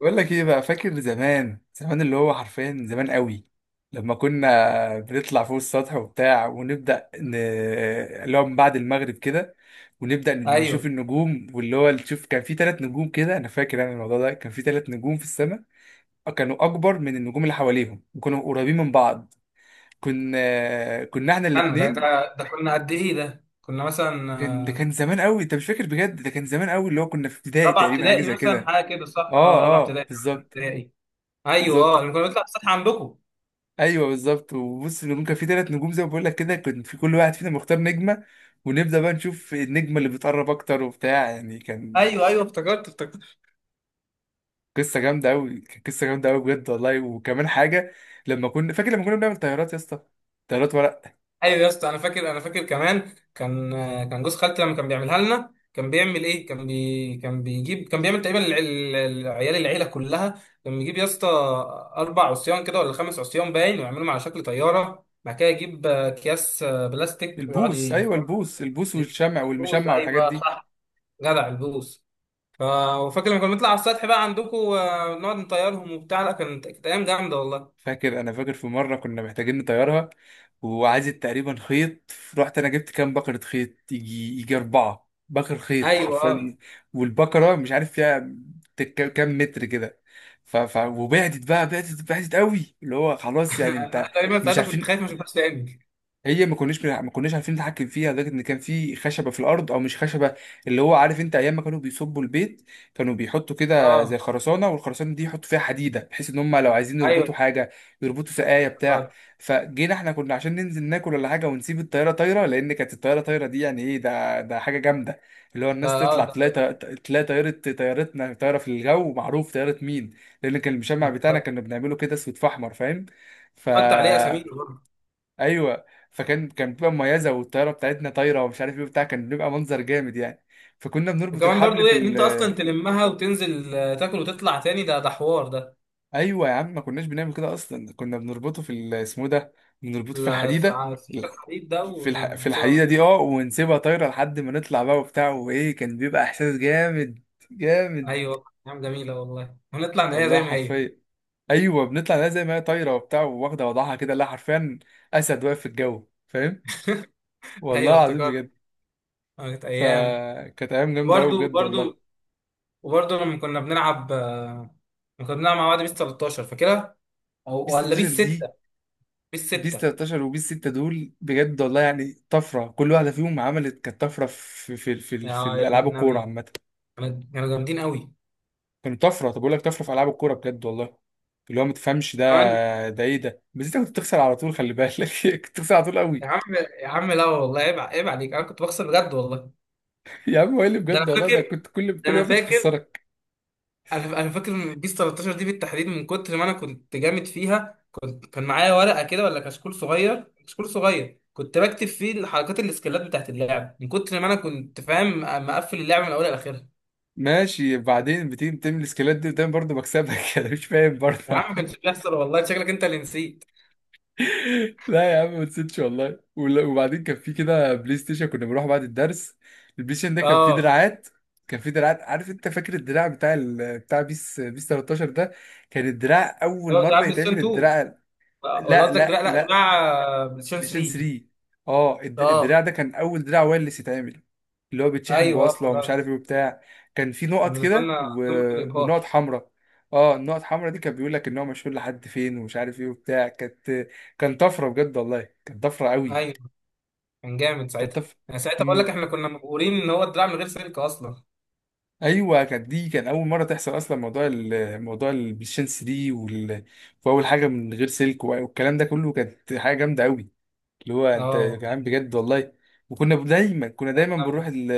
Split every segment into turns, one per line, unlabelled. بقول لك ايه بقى؟ فاكر زمان زمان اللي هو حرفيا زمان قوي؟ لما كنا بنطلع فوق السطح وبتاع ونبدأ اللي هو من بعد المغرب كده، ونبدأ
ايوه.
نشوف النجوم، واللي هو تشوف كان في ثلاث نجوم كده، انا فاكر الموضوع ده كان في ثلاث نجوم في السماء. آه، كانوا اكبر من النجوم اللي حواليهم وكانوا قريبين من بعض. كنا احنا
استنى ده
الاثنين.
ده ده كنا قد ايه؟ ده كنا مثلا
كان ده
آه،
كان زمان قوي. انت مش فاكر؟ بجد ده كان زمان قوي، اللي هو كنا في ابتدائي
رابعه
تقريبا، حاجة
ابتدائي
زي
مثلا،
كده.
حاجه كده، صح.
اه،
اه، رابعه
اه،
ابتدائي، خمسة
بالظبط.
ابتدائي. ايوه،
بالظبط،
لما كنا بنطلع السطح عندكم.
ايوه، بالظبط. وبص، ممكن في ثلاث نجوم زي ما بقول لك كده، كان في كل واحد فينا مختار نجمه. ونبدا بقى نشوف النجمه اللي بتقرب اكتر وبتاع، يعني كان
ايوه ايوه، افتكرت.
قصه جامده قوي بجد والله. وكمان حاجه، لما كنا بنعمل طيارات يا اسطى، طيارات ورق.
ايوه يا اسطى، انا فاكر كمان، كان كان جوز خالتي لما كان بيعملها لنا كان بيعمل ايه، كان بيجيب، كان بيعمل تقريبا عيال العيله كلها، كان بيجيب يا اسطى 4 عصيان كده ولا 5 عصيان باين، ويعملهم على شكل طياره. بعد كده يجيب اكياس بلاستيك ويقعد
البوص، ايوه،
يلفهم
البوص والشمع
بالفلوس.
والمشمع والحاجات
ايوه،
دي.
صح. جدع البوس. ف- وفاكر لما كنا بنطلع على السطح بقى عندكم، نقعد نطيرهم وبتاع؟ لا، كانت ايام جامده والله.
فاكر في مره كنا محتاجين نطيرها، وعايزة تقريبا خيط. رحت انا جبت كام بكره خيط، يجي اربعه بكر خيط
ايوه اه.
حرفيا. والبكره مش عارف فيها كام متر كده. وبعدت بقى، بعدت قوي، اللي هو خلاص يعني
أنا
انت
تقريبا
مش
ساعتها كنت خايف
عارفين.
ما اشوفهاش تاني.
هي ما كناش عارفين نتحكم فيها، لدرجه ان كان في خشبه في الارض او مش خشبه، اللي هو عارف انت ايام ما كانوا بيصبوا البيت، كانوا بيحطوا كده زي
اه
خرسانه، والخرسانه دي يحطوا فيها حديده، بحيث ان هم لو عايزين
ايوه
يربطوا حاجه يربطوا سقايه بتاع.
افتكرت.
فجينا احنا كنا عشان ننزل ناكل ولا حاجه، ونسيب الطياره طايره، لان كانت الطياره طايره دي يعني ايه، ده حاجه جامده. اللي هو
ده
الناس
اه
تطلع تلاقي تلاقي طياره طيارتنا طايره في الجو، معروف طياره مين. لان كان المشمع بتاعنا
ده-
كنا بنعمله كده، اسود في احمر، فاهم؟ ف...
حط عليه اسامينا برضه.
ايوه. فكان بتبقى مميزه، والطياره بتاعتنا طايره ومش عارف ايه وبتاع، كان بيبقى منظر جامد يعني. فكنا بنربط
وكمان
الحبل
برضه
في
ايه، ان انت اصلا تلمها وتنزل تاكل وتطلع تاني، ده حوار ده.
ايوه يا عم، ما كناش بنعمل كده اصلا، كنا بنربطه في اسمه ده، بنربطه في
لا،
الحديده.
على السكه الحديد ده
في
ونسيبها
الحديده
بقى.
دي، اه، ونسيبها طايره لحد ما نطلع بقى وبتاع، وايه كان بيبقى احساس جامد، جامد،
ايوه، ايام جميله والله، ونطلع نلاقيها
والله
زي ما هي.
حرفيا. ايوه بنطلع لها زي ما هي طايره وبتاع، واخده وضعها كده. لا حرفيا، اسد واقف في الجو، فاهم؟
ايوه
والله العظيم
افتكرت.
بجد.
كانت ايام.
فكانت ايام جامده قوي
وبرضه
بجد والله.
برضه وبرضه لما كنا بنلعب، لما كنا بنلعب مع بعض بيس 13، فاكرها؟ أو
بيس
ولا
16
بيس
دي؟
6؟ بيس
بيس
6.
13 وبيس 6 دول، بجد والله يعني طفره، كل واحده فيهم عملت، كانت طفره في
يا دين
الالعاب الكوره
النبي،
عامه.
كانوا جامدين قوي
كانت طفره، طب بقول لك طفره في العاب الكوره بجد والله، اللي هو ما تفهمش ده،
كمان.
ده ايه ده؟ بس انت كنت بتخسر على طول، خلي بالك. كنت بتخسر على طول
يا
قوي.
عم، يا عم، لا والله، عيب عليك، أنا كنت بخسر بجد والله.
يا عم، هو إيه اللي
ده أنا
بجد والله ده؟
فاكر
كنت
ده
كل
أنا
مبلغ
فاكر
خسرك.
أنا فاكر من بيس 13 دي بالتحديد، من كتر ما أنا كنت جامد فيها، كنت كان معايا ورقة كده ولا كشكول صغير كنت بكتب فيه الحركات، الاسكيلات بتاعت اللعب، من كتر ما أنا كنت فاهم مقفل اللعب من أولها لآخرها.
ماشي، بعدين بتيجي بتعمل السكيلات دي قدام برضه، بكسبك. انا مش فاهم برضه.
يا عم ما كانش بيحصل والله، شكلك انت اللي نسيت.
لا يا عم، ما نسيتش والله وبعدين كان في كده بلاي ستيشن، كنا بنروح بعد الدرس. البلاي ستيشن ده كان فيه
اه،
دراعات، عارف انت، فاكر الدراع بتاع بيس، بيس 13 ده؟ كان الدراع
اه،
اول مره
لعب بلاي ستيشن
يتعمل
2،
الدراع.
ولا
لا،
قصدك،
لا،
لا لا
لا،
لا بلاي ستيشن
فيجن
3.
3. اه،
اه،
الدراع ده كان اول دراع وايرلس يتعمل، اللي هو بيتشحن
ايوه اه
بوصله ومش عارف
افتكرت.
ايه وبتاع. كان في
كان
نقط
بالنسبه
كده
لنا قمه
ونقط
الابهار.
حمراء. اه، النقط الحمراء دي كان بيقول لك ان هو مشهور لحد فين، ومش عارف ايه وبتاع كان طفره بجد والله، كانت طفره قوي،
ايوه، كان جامد
كانت
ساعتها.
طفره.
انا ساعتها بقول لك
امم،
احنا كنا مبهورين ان هو الدراع من غير سلك اصلا.
ايوه، كانت دي كان اول مره تحصل اصلا، موضوع موضوع البلايستيشن 3 واول حاجه من غير سلك، والكلام ده كله كانت حاجه جامده قوي، اللي هو انت يا
اه،
جدعان بجد والله. وكنا دايما كنا
كان
دايما بنروح
جامد.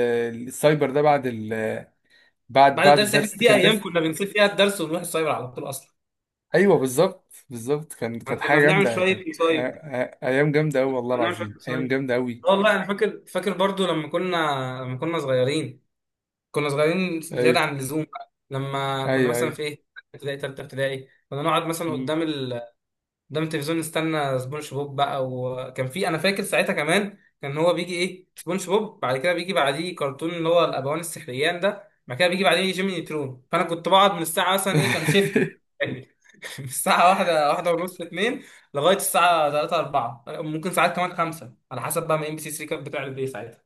السايبر ده بعد
بعد
بعد
الدرس، احنا
الدرس، ده
في
كان
ايام
درس.
كنا بنسيب فيها الدرس ونروح السايبر على طول اصلا.
ايوه بالظبط، بالظبط، كانت
احنا كنا
حاجه
بنعمل
جامده، كانت
شويه مصايب،
ايام جامده قوي، والله
كنا بنعمل شويه
العظيم ايام
مصايب.
جامده قوي.
آه والله انا فاكر، فاكر برضو لما كنا، لما كنا صغيرين، كنا صغيرين زياده
ايوه،
عن اللزوم بقى، لما كنا
ايوه،
مثلا
ايوه.
في ايه ابتدائي، تالتة ابتدائي، كنا نقعد مثلا
مم.
قدام قدام التلفزيون نستنى سبونج بوب بقى. وكان في، انا فاكر ساعتها كمان، كان هو بيجي ايه سبونج بوب، بعد كده بيجي بعديه كرتون اللي هو الابوان السحريان ده، بعد كده بيجي بعديه جيمي نيترون. فانا كنت بقعد من الساعه مثلا ايه، كان شيفت. من الساعه واحدة، واحدة ونص، اتنين، لغايه الساعه 3، 4، ممكن ساعات كمان 5، على حسب بقى ما ام بي سي 3 كانت بتعرض ايه ساعتها.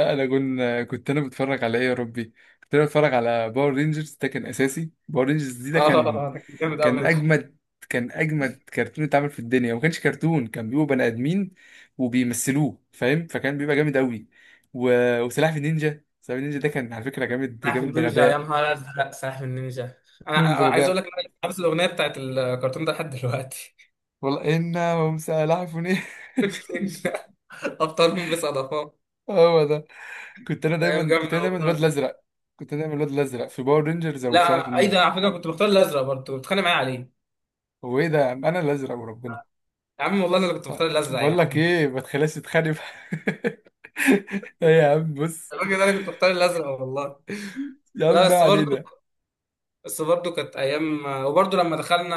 اه، انا كنت انا بتفرج على ايه يا ربي؟ كنت انا بتفرج على باور رينجرز، ده كان اساسي، باور رينجرز دي ده
اه
كان
ده كان جامد
كان
قوي ده.
اجمد كان اجمد كرتون اتعمل في الدنيا، وما كانش كرتون، كان بيبقوا بني ادمين وبيمثلوه، فاهم؟ فكان بيبقى جامد قوي و... وسلاحف النينجا، سلاحف النينجا ده كان على فكره جامد،
سلاحف
جامد
النينجا، يا
بغباء،
نهار ازرق، سلاحف النينجا. أنا
جامد
عايز اقول لك
بغباء،
إن انا حافظ الاغنيه بتاعت الكرتون ده لحد دلوقتي.
والله انهم سلاحفني.
ابطال مين بصدفه.
هو ده.
ايام
كنت
جامده
انا دايما الواد
والله.
الازرق، كنت انا دايما الواد الازرق في باور رينجرز او
لا،
في سلاحف
اي ده،
النينجا.
على فكره كنت بختار الازرق برضه، كنت بتخانق معايا عليه.
هو ايه ده يا عم؟ انا الازرق وربنا.
يا عم والله انا اللي كنت بختار الازرق يا
بقول لك
عم.
ايه، ما تخليهاش تتخانق. ايه يا عم، بص.
الراجل ده، انا كنت بختار الازرق والله.
يا عم
لا
ما
بس برضه،
علينا.
بس برضو كانت ايام. وبرضو لما دخلنا،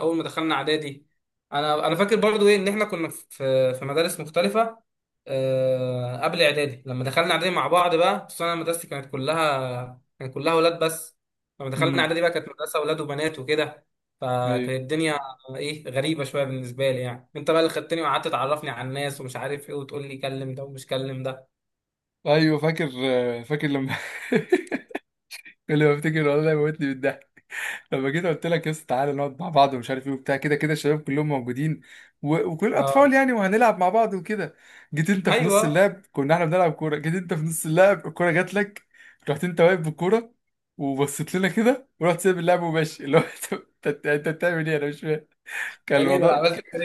اول ما دخلنا اعدادي، انا فاكر برضو ايه، ان احنا كنا في في مدارس مختلفه قبل اعدادي. لما دخلنا اعدادي مع بعض بقى، بس انا مدرستي كانت كلها، كان كلها اولاد بس. لما دخلنا
امم،
اعدادي بقى كانت مدرسه اولاد وبنات وكده. فكانت
ايوه،
الدنيا ايه، غريبه شويه بالنسبه لي. يعني انت بقى اللي خدتني وقعدت تعرفني على الناس ومش عارف ايه، وتقول لي كلم ده ومش كلم ده.
ايوه، فاكر لما كل ما افتكر والله موتني بالضحك. لما جيت قلت لك يا اسطى، تعالى نقعد مع بعض ومش عارف ايه وبتاع، كده كده الشباب كلهم موجودين وكل اطفال
اه،
يعني، وهنلعب مع بعض وكده. جيت انت في
ايوه.
نص اللعب، كنا احنا بنلعب كوره، جيت انت في نص اللعب، الكوره جات لك، رحت انت واقف بالكوره، وبصيت لنا كده ورحت سايب اللعب وماشي، اللي هو انت انت أنت بتعمل ايه؟ انا مش فاهم. كان
ده ليه ده أنا
الموضوع،
عملت كده.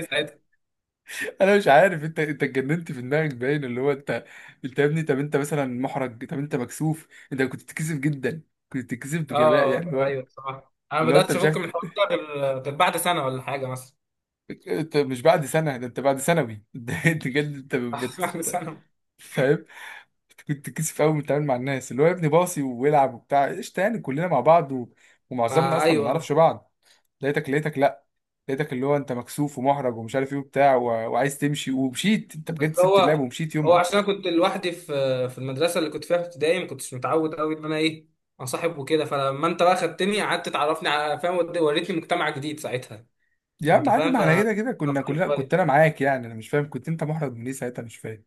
انا مش عارف، انت اتجننت في دماغك باين، اللي هو انت، انت يا ابني، طب انت مثلا محرج، طب انت مكسوف، انت كنت بتتكسف جدا، كنت بتتكسف بغباء يعني،
اه
اللي هو
ايوه صح، انا ما
انت
بداتش
مش
افك من
عارف،
الحوار ده غير، غير بعد سنه ولا حاجه مثلا.
انت مش بعد سنه، ده انت بعد ثانوي. ده انت جد، انت
بعد سنه.
فاهم؟ أنت كنت بتتكسف قوي بتتعامل مع الناس، اللي هو يا ابني باصي ويلعب وبتاع قشطه، يعني كلنا مع بعض ومعظمنا
ما
اصلا ما
ايوه،
نعرفش بعض. لقيتك لا، لقيتك اللي هو انت مكسوف ومحرج ومش عارف ايه وبتاع وعايز تمشي، ومشيت انت بجد،
بس
سبت اللعب
هو،
ومشيت
هو
يومها.
عشان انا كنت لوحدي في في المدرسه اللي كنت فيها في ابتدائي، ما كنتش متعود قوي ان انا ايه، انصاحب وكده. فلما انت بقى خدتني، قعدت تعرفني على فاهم، وريتني مجتمع جديد ساعتها.
يا
انت
عم عادي،
فاهم،
ما
ف...
احنا كده كده كنا كلنا، كنت انا معاك، يعني انا مش فاهم، كنت انت محرج من ايه ساعتها؟ مش فاهم.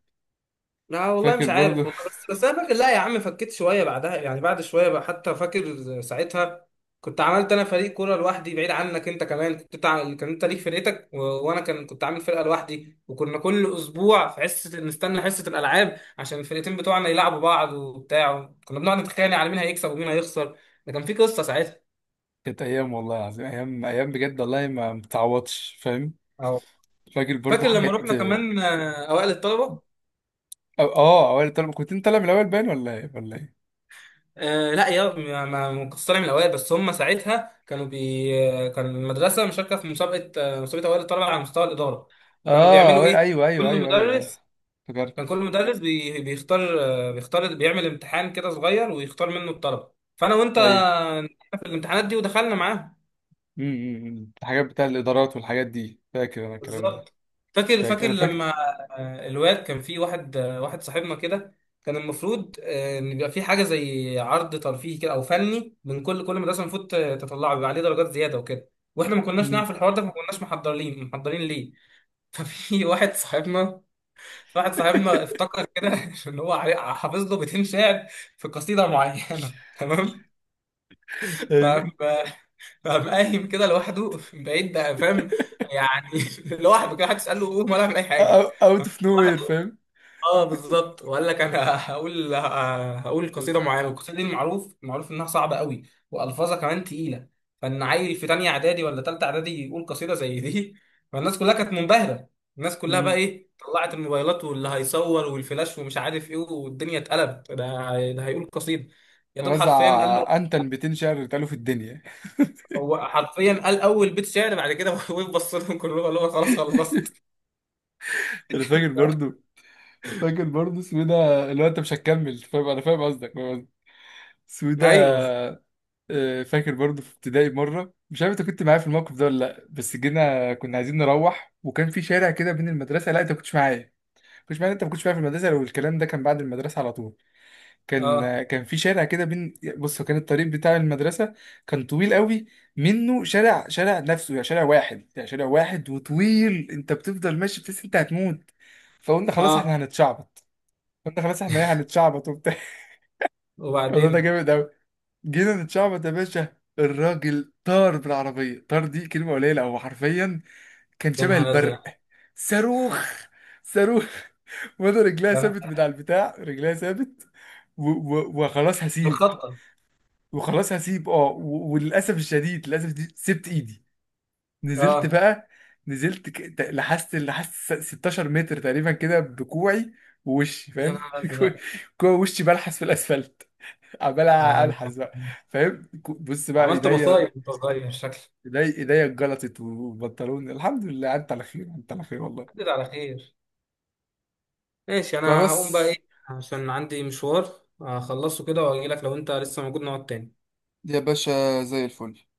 لا والله
فاكر
مش
برضو.
عارف والله، بس انا فاكر، لا يا عم فكيت شويه بعدها، يعني بعد شويه بقى. حتى فاكر ساعتها كنت عملت انا فريق كوره لوحدي بعيد عنك. انت كمان كنت كان انت ليك فرقتك وانا كان كنت عامل فرقه لوحدي. وكنا كل اسبوع في حصه نستنى حصه الالعاب عشان الفرقتين بتوعنا يلعبوا بعض وبتاع. كنا بنقعد نتخانق على مين هيكسب ومين هيخسر. ده كان في قصه ساعتها.
كانت ايام والله العظيم، ايام، ايام بجد والله ما متعوضش، فاهم؟
أو
فاكر برضو
فاكر لما
حاجات،
رحنا
اه.
كمان اوائل الطلبه؟
آه، اوائل الطلبه، كنت انت طالع من الاول باين ولا ايه ولا ايه؟
آه لا، يا مقصره من الاوائل، بس هم ساعتها كانوا بي كان المدرسه مشاركه في مسابقه مسابقه اوائل الطلبه على مستوى الاداره. فكانوا
اه،
بيعملوا ايه،
ايوه، ايوه،
كل
ايوه، ايوه.
مدرس كان
افتكرت،
كل مدرس بيختار بيختار، بيعمل امتحان كده صغير ويختار منه الطلبه. فانا وانت
ايوه،
في الامتحانات دي ودخلنا معاهم.
امم. الحاجات بتاع الادارات والحاجات دي، فاكر انا الكلام ده،
بالظبط. فاكر
فاكر
فاكر
انا فاكر.
لما الواد كان في واحد واحد صاحبنا كده، كان المفروض ان يبقى في حاجه زي عرض ترفيهي كده او فني من كل مدرسه. المفروض تطلعه بيبقى عليه درجات زياده وكده. واحنا ما كناش
امم.
نعرف الحوار ده، فما كناش محضرين، محضرين ليه. ففي واحد صاحبنا، واحد صاحبنا افتكر كده ان هو حافظ له بيتين شعر في قصيده معينه تمام. ف...
ايوه.
فقام قايم كده لوحده من بعيد بقى، فاهم يعني. لوحده كده، حد تساله قوم ولا اعمل اي حاجه؟
اوت اوف نو
واحد،
وير، فاهم؟
اه بالظبط. وقال لك انا هقول، هقول قصيده معينه، والقصيده دي معروف، معروف انها صعبه قوي والفاظها كمان تقيله. فان عيل في تانية اعدادي ولا تالتة اعدادي يقول قصيده زي دي، فالناس كلها كانت منبهره. الناس كلها بقى
امم،
ايه، طلعت الموبايلات واللي هيصور والفلاش ومش عارف ايه، والدنيا اتقلبت، ده هيقول قصيده. يا دوب،
رزع،
حرفيا قال له،
انتن 200 شعر اتقالوا في الدنيا.
هو حرفيا قال اول بيت شعر بعد كده وبص لهم كلهم قال لهم خلاص خلصت.
انا فاكر برضو، فاكر برضو، اسمه إيه ده؟ اللي هو انت مش هتكمل، فاهم؟ انا فاهم قصدك، فاهم قصدك. اسمه إيه
ايوه
ده؟ آه، فاكر برضو في ابتدائي مره، مش عارف انت كنت معايا في الموقف ده ولا لا، بس جينا كنا عايزين نروح وكان في شارع كده بين المدرسه، لا انت ما كنتش معايا، ما كنتش معايا انت ما كنتش معايا في المدرسه لو الكلام ده كان بعد المدرسه على طول.
اه
كان في شارع كده بين، بص، كان الطريق بتاع المدرسة كان طويل قوي، منه شارع، شارع نفسه يعني شارع واحد، يعني شارع واحد وطويل، انت بتفضل ماشي بتحس انت هتموت. فقلنا خلاص
اه،
احنا هنتشعبط، قلنا خلاص احنا ايه هنتشعبط وبتاع. الموضوع ده
وبعدين
جامد قوي. جينا نتشعبط يا باشا، الراجل طار بالعربية، طار دي كلمة قليلة، هو حرفيا كان
يا
شبه
نهار
البرق،
ازرق
صاروخ، صاروخ. وانا رجلها
يعني،
ثابت من على البتاع، رجلها ثابت، وخلاص هسيب،
مخطط.
وللاسف الشديد، للاسف الشديد، سبت ايدي. نزلت
اه،
بقى، نزلت لحست 16 متر تقريبا كده، بكوعي ووشي،
يا
فاهم؟
نهار
كوع،
ازرق.
كوع، وشي بلحس في الاسفلت، عمال
يعني
الحس بقى، فاهم؟ بص بقى،
عملت مصايب وانت صغير شكلك.
ايديا اتجلطت وبنطلوني، الحمد لله انت على خير، انت على خير، والله.
عدت على خير. ماشي، انا
فبس.
هقوم بقى ايه، عشان عندي مشوار اخلصه كده واجي لك لو انت لسه موجود نقعد تاني.
يا باشا زي الفل.